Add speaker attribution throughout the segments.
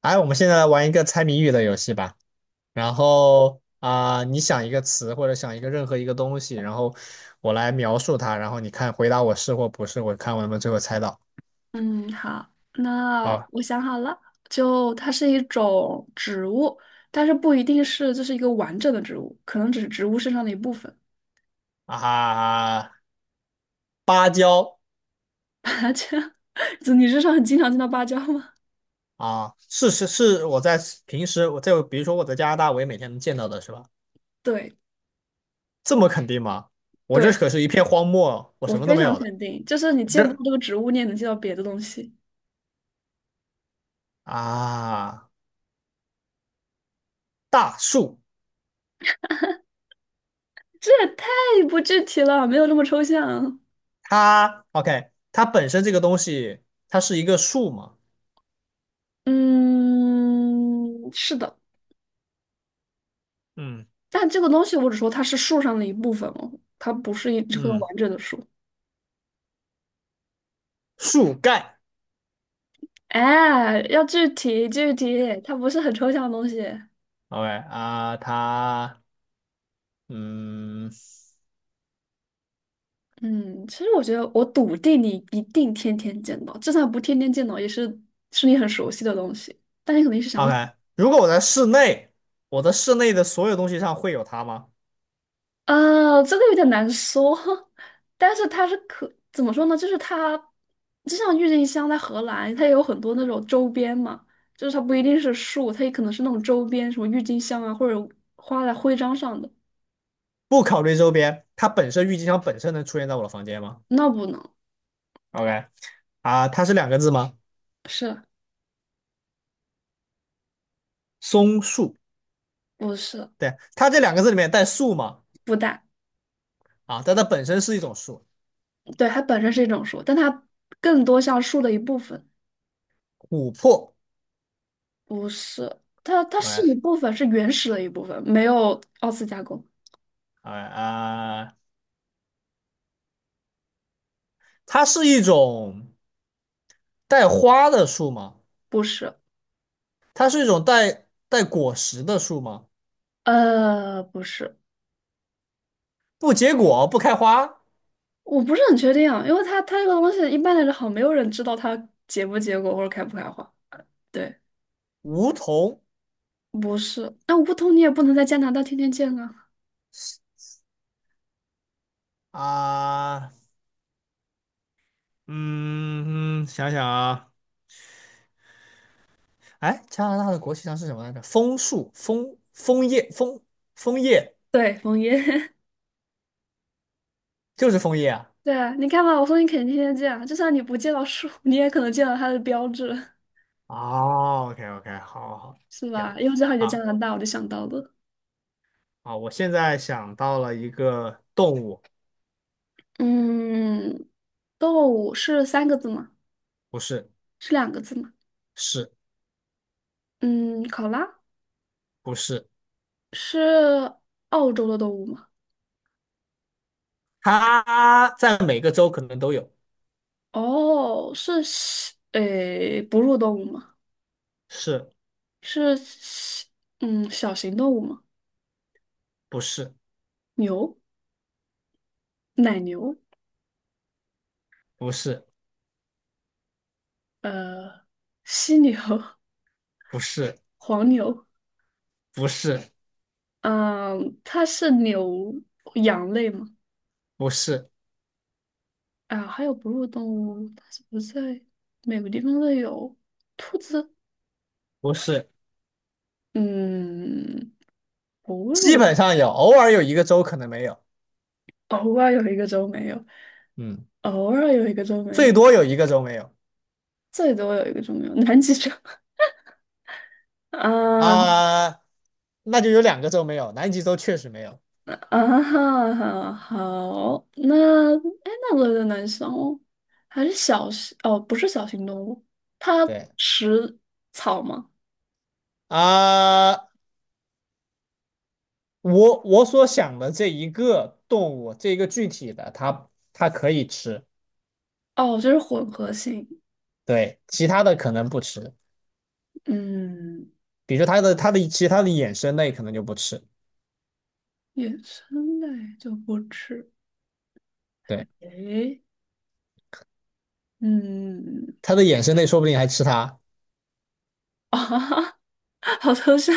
Speaker 1: 哎，我们现在来玩一个猜谜语的游戏吧。然后啊、你想一个词或者想一个任何一个东西，然后我来描述它，然后你看回答我是或不是，我看我能不能最后猜到。
Speaker 2: 嗯，好，那
Speaker 1: 好
Speaker 2: 我想好了，就它是一种植物，但是不一定是就是一个完整的植物，可能只是植物身上的一部分。
Speaker 1: 啊，芭蕉
Speaker 2: 就你身上很经常见到芭蕉吗？
Speaker 1: 啊，是是是，我在平时我在比如说我在加拿大，我也每天能见到的是吧？
Speaker 2: 对，
Speaker 1: 这么肯定吗？我这
Speaker 2: 对，
Speaker 1: 可是一片荒漠，我
Speaker 2: 我
Speaker 1: 什么都
Speaker 2: 非
Speaker 1: 没
Speaker 2: 常
Speaker 1: 有的。
Speaker 2: 肯定，就是你
Speaker 1: 我
Speaker 2: 见不
Speaker 1: 这
Speaker 2: 到这个植物，你也能见到别的东西。
Speaker 1: 啊，大树，
Speaker 2: 这也太不具体了，没有这么抽象。
Speaker 1: 它 OK，它本身这个东西，它是一个树嘛？
Speaker 2: 嗯，是的，
Speaker 1: 嗯。
Speaker 2: 但这个东西我只说它是树上的一部分哦，它不是一棵
Speaker 1: 嗯，
Speaker 2: 完整的树。
Speaker 1: 树干
Speaker 2: 哎，要具体具体，它不是很抽象的东西。
Speaker 1: ，OK 啊，嗯
Speaker 2: 嗯，其实我觉得我笃定你一定天天见到，就算不天天见到，也是你很熟悉的东西，但你肯定是想不起。
Speaker 1: ，OK，如果我在室内，我的室内的所有东西上会有它吗？
Speaker 2: 这个有点难说，但是它是可怎么说呢？就是它就像郁金香在荷兰，它也有很多那种周边嘛，就是它不一定是树，它也可能是那种周边，什么郁金香啊，或者画在徽章上的。
Speaker 1: 不考虑周边，它本身郁金香本身能出现在我的房间吗
Speaker 2: 那不能，
Speaker 1: ？OK 啊，它是两个字吗？
Speaker 2: 是
Speaker 1: 松树，
Speaker 2: 不是
Speaker 1: 对，它这两个字里面带树吗？
Speaker 2: 不带。
Speaker 1: 啊，但它本身是一种树，
Speaker 2: 对，它本身是一种树，但它更多像树的一部分，
Speaker 1: 琥珀
Speaker 2: 不是，它是一
Speaker 1: ，OK
Speaker 2: 部分，是原始的一部分，没有二次加工，
Speaker 1: OK 啊，它是一种带花的树吗？
Speaker 2: 不是，
Speaker 1: 它是一种带果实的树吗？
Speaker 2: 不是，
Speaker 1: 不结果，不开花，
Speaker 2: 我不是很确定啊，因为它这个东西一般来说好像没有人知道它结不结果或者开不开花，对，
Speaker 1: 梧桐
Speaker 2: 不是，那我不通你也不能在加拿大天天见啊，
Speaker 1: 啊，嗯，想想啊，哎，加拿大的国旗上是什么来着？枫树，枫叶，枫叶
Speaker 2: 对，枫叶，
Speaker 1: 就是枫叶啊。
Speaker 2: 对啊，你看吧，我说你肯定天天见，啊，就算你不见到树，你也可能见到它的标志，
Speaker 1: 哦，OK OK，好好好，
Speaker 2: 是吧？
Speaker 1: 行，
Speaker 2: 因为正好你在加
Speaker 1: 啊
Speaker 2: 拿大，我就想到了。
Speaker 1: 我现在想到了一个动物，
Speaker 2: 嗯，动物是三个字吗？
Speaker 1: 不是，
Speaker 2: 是两个字吗？
Speaker 1: 是
Speaker 2: 嗯，考拉
Speaker 1: 不是？
Speaker 2: 是澳洲的动物吗？
Speaker 1: 它在每个州可能都有，
Speaker 2: 哦，是小，诶，哺乳动物吗？
Speaker 1: 是
Speaker 2: 是小小型动物吗？
Speaker 1: 不是？
Speaker 2: 牛，奶牛，
Speaker 1: 不是，
Speaker 2: 呃，犀牛，
Speaker 1: 不是，
Speaker 2: 黄牛，
Speaker 1: 不是，
Speaker 2: 嗯，它是牛羊类吗？
Speaker 1: 不是，
Speaker 2: 啊，还有哺乳动物，它是不是在每个地方都有。兔子，
Speaker 1: 不是，不是。
Speaker 2: 嗯，哺
Speaker 1: 基
Speaker 2: 乳，
Speaker 1: 本上有，偶尔有一个州可能没有，
Speaker 2: 偶尔有一个州没有。
Speaker 1: 嗯，
Speaker 2: 偶尔有一个周没
Speaker 1: 最
Speaker 2: 有，
Speaker 1: 多有一个州没有
Speaker 2: 最多有一个就没有，南极洲 啊
Speaker 1: 啊，那就有两个州没有，南极洲确实没有。
Speaker 2: 啊哈哈，好，那哎，那轮轮南生哦，还是小型哦，不是小型动物，它
Speaker 1: 对
Speaker 2: 食草吗？
Speaker 1: 啊，我所想的这一个动物，这一个具体的，它可以吃，
Speaker 2: 哦，就是混合性，
Speaker 1: 对，其他的可能不吃，
Speaker 2: 嗯，
Speaker 1: 比如说它的其他的衍生类可能就不吃，
Speaker 2: 野生类就不吃，
Speaker 1: 对，
Speaker 2: 诶，嗯，
Speaker 1: 它的衍生类说不定还吃它，
Speaker 2: 啊哈好抽象，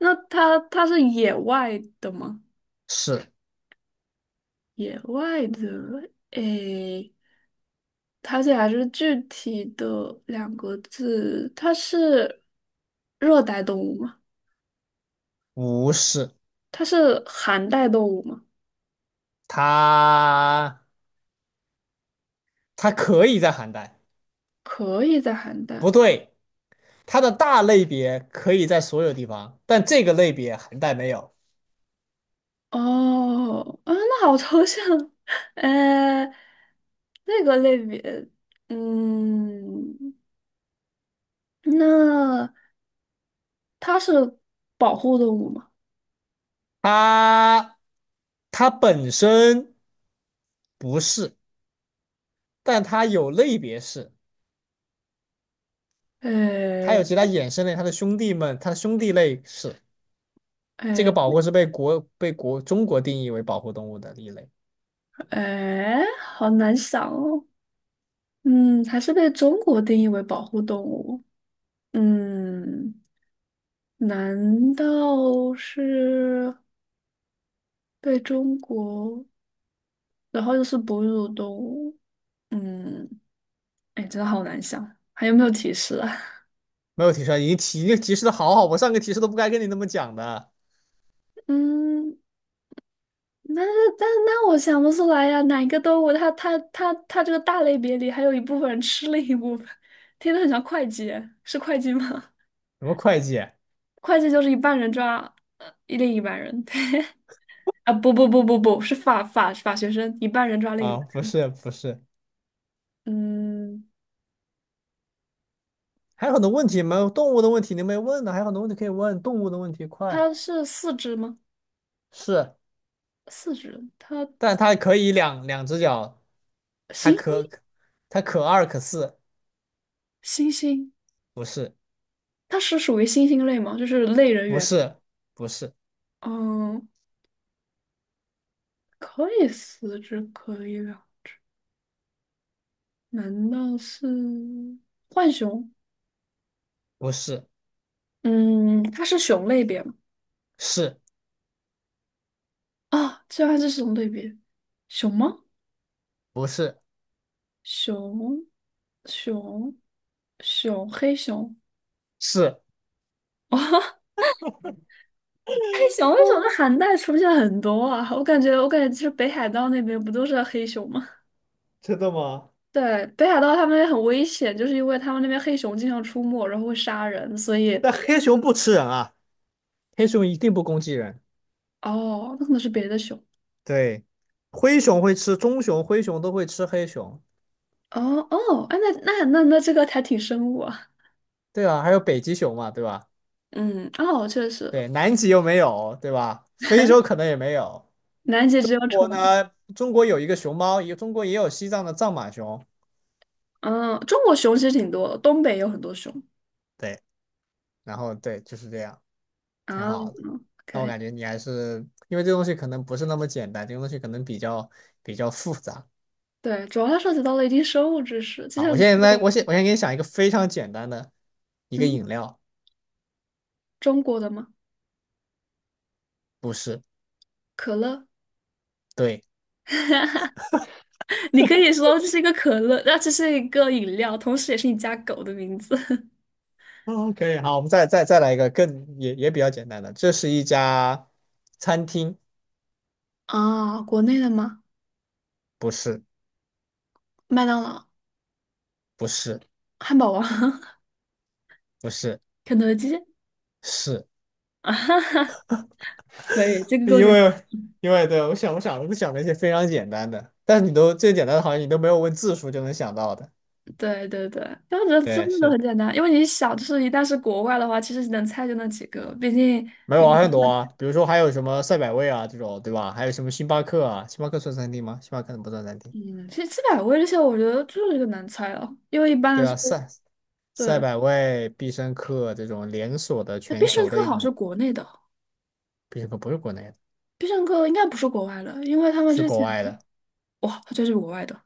Speaker 2: 那它是野外的吗？
Speaker 1: 是
Speaker 2: 野外的，诶。它这还是具体的两个字，它是热带动物吗？
Speaker 1: 不是？
Speaker 2: 它是寒带动物吗？
Speaker 1: 它它可以在寒带，
Speaker 2: 可以在寒
Speaker 1: 不
Speaker 2: 带。
Speaker 1: 对，它的大类别可以在所有地方，但这个类别寒带没有。
Speaker 2: 哦，啊，那好抽象。呃，那个类别，嗯，那它是保护动物吗？
Speaker 1: 它它本身不是，但它有类别是，它有
Speaker 2: 呃，
Speaker 1: 其他衍生类，它的兄弟们，它的兄弟类是。这
Speaker 2: 呃，
Speaker 1: 个保护是被中国定义为保护动物的一类。
Speaker 2: 好难想哦。嗯，还是被中国定义为保护动物。嗯。难道是被中国，然后又是哺乳动物？嗯，哎，真的好难想，还有没有提示啊？
Speaker 1: 没有提示，已经提示的好好，我上个提示都不该跟你那么讲的。
Speaker 2: 嗯，那我想不出来呀、哪一个动物它这个大类别里还有一部分人吃另一部分，听着很像会计，是会计吗？
Speaker 1: 什么会计
Speaker 2: 会计就是一半人抓另一半人 啊，不不不不不是法学生，一半人抓另一
Speaker 1: 啊？
Speaker 2: 半。
Speaker 1: 不是不是，
Speaker 2: 嗯，
Speaker 1: 还有很多问题没有动物的问题你没问呢，还有很多问题可以问动物的问题，快
Speaker 2: 它是四肢吗？
Speaker 1: 是。
Speaker 2: 四肢，它
Speaker 1: 但它可以两只脚，它
Speaker 2: 星星，
Speaker 1: 可它可二可四，
Speaker 2: 星星，
Speaker 1: 不是，
Speaker 2: 它是属于星星类吗？就是类人
Speaker 1: 不
Speaker 2: 猿。
Speaker 1: 是，不是，
Speaker 2: 嗯，可以四肢可以了，难道是浣熊？
Speaker 1: 不是，
Speaker 2: 嗯，它是熊类别吗？
Speaker 1: 是，
Speaker 2: 啊，这还是熊类别，熊吗？
Speaker 1: 不是，
Speaker 2: 熊，熊，熊，黑熊。
Speaker 1: 是，
Speaker 2: 哦黑熊，黑熊在寒带出现很多啊，我感觉，就是北海道那边不都是黑熊吗？
Speaker 1: 真的吗？
Speaker 2: 对，北海道他们很危险，就是因为他们那边黑熊经常出没，然后会杀人，所以
Speaker 1: 但黑熊不吃人啊，黑熊一定不攻击人，
Speaker 2: 哦，那可能是别的熊。
Speaker 1: 对，灰熊会吃，棕熊、灰熊都会吃黑熊。
Speaker 2: 哦哦，哎，那这个还挺生物啊。
Speaker 1: 对啊，还有北极熊嘛，对吧？
Speaker 2: 嗯，哦，确实，
Speaker 1: 对，南极又没有，对吧？非洲可能也没有。
Speaker 2: 南极
Speaker 1: 中
Speaker 2: 只有宠
Speaker 1: 国
Speaker 2: 物。
Speaker 1: 呢？中国有一个熊猫，也中国也有西藏的藏马熊。
Speaker 2: 嗯，中国熊其实挺多的东北也有很多熊
Speaker 1: 对，然后对，就是这样。挺
Speaker 2: 啊
Speaker 1: 好
Speaker 2: ，OK。
Speaker 1: 的。
Speaker 2: 可
Speaker 1: 那我
Speaker 2: 以
Speaker 1: 感觉你还是因为这东西可能不是那么简单，这个东西可能比较复杂
Speaker 2: 对，主要它涉及到了一定生物知识，就
Speaker 1: 啊。
Speaker 2: 像
Speaker 1: 我
Speaker 2: 你
Speaker 1: 现在，
Speaker 2: 说，
Speaker 1: 我先给你想一个非常简单的一个
Speaker 2: 嗯，
Speaker 1: 饮料，
Speaker 2: 中国的吗？
Speaker 1: 不是，
Speaker 2: 可乐，
Speaker 1: 对，
Speaker 2: 你可以说这是一个可乐，那这是一个饮料，同时也是你家狗的名字。
Speaker 1: 嗯，可以，好，我们再来一个更也比较简单的，这是一家餐厅，
Speaker 2: 啊，国内的吗？
Speaker 1: 不是，
Speaker 2: 麦当劳。
Speaker 1: 不是，
Speaker 2: 汉堡王、
Speaker 1: 不是，
Speaker 2: 肯德基
Speaker 1: 是
Speaker 2: 啊，可以，这个够
Speaker 1: 因
Speaker 2: 简单。
Speaker 1: 为因为对我就想了一些非常简单的，但是你都最简单的好像你都没有问字数就能想到的，
Speaker 2: 对对对，但我觉得真
Speaker 1: 对，
Speaker 2: 的都
Speaker 1: 是
Speaker 2: 很简单，因为你想，就是一旦是国外的话，其实能猜就那几个，毕竟，
Speaker 1: 没有啊，还有很多啊，比如说还有什么赛百味啊这种，对吧？还有什么星巴克啊？星巴克算餐厅吗？星巴克不算餐厅。
Speaker 2: 嗯，其实七百味这些，我觉得就是个难猜了，因为一般
Speaker 1: 对
Speaker 2: 来说，
Speaker 1: 啊，赛赛
Speaker 2: 对，
Speaker 1: 百味、必胜客这种连锁的
Speaker 2: 那
Speaker 1: 全
Speaker 2: 必胜
Speaker 1: 球的
Speaker 2: 客
Speaker 1: 一
Speaker 2: 好像
Speaker 1: 种，
Speaker 2: 是国内的，
Speaker 1: 必胜客不是国内的，
Speaker 2: 必胜客应该不是国外的，因为他们
Speaker 1: 是
Speaker 2: 之
Speaker 1: 国
Speaker 2: 前，
Speaker 1: 外的。
Speaker 2: 哇，它就是国外的，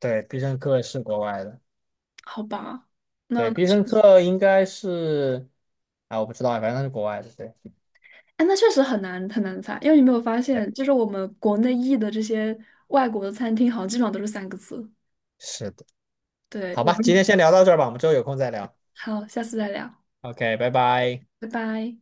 Speaker 1: 对，必胜客是国外的。
Speaker 2: 好吧？那
Speaker 1: 对，
Speaker 2: 那
Speaker 1: 必
Speaker 2: 确
Speaker 1: 胜
Speaker 2: 实，
Speaker 1: 客应该是，啊，我不知道啊，反正它是国外的。对，
Speaker 2: 哎，那确实很难很难猜，因为你没有发
Speaker 1: 对，
Speaker 2: 现，就是我们国内译的这些外国的餐厅，好像基本上都是三个字。
Speaker 1: 是的。
Speaker 2: 对，
Speaker 1: 好
Speaker 2: 我
Speaker 1: 吧，今天
Speaker 2: 们。
Speaker 1: 先聊到这儿吧，我们之后有空再聊。
Speaker 2: 好，下次再聊，
Speaker 1: OK，拜拜。
Speaker 2: 拜拜。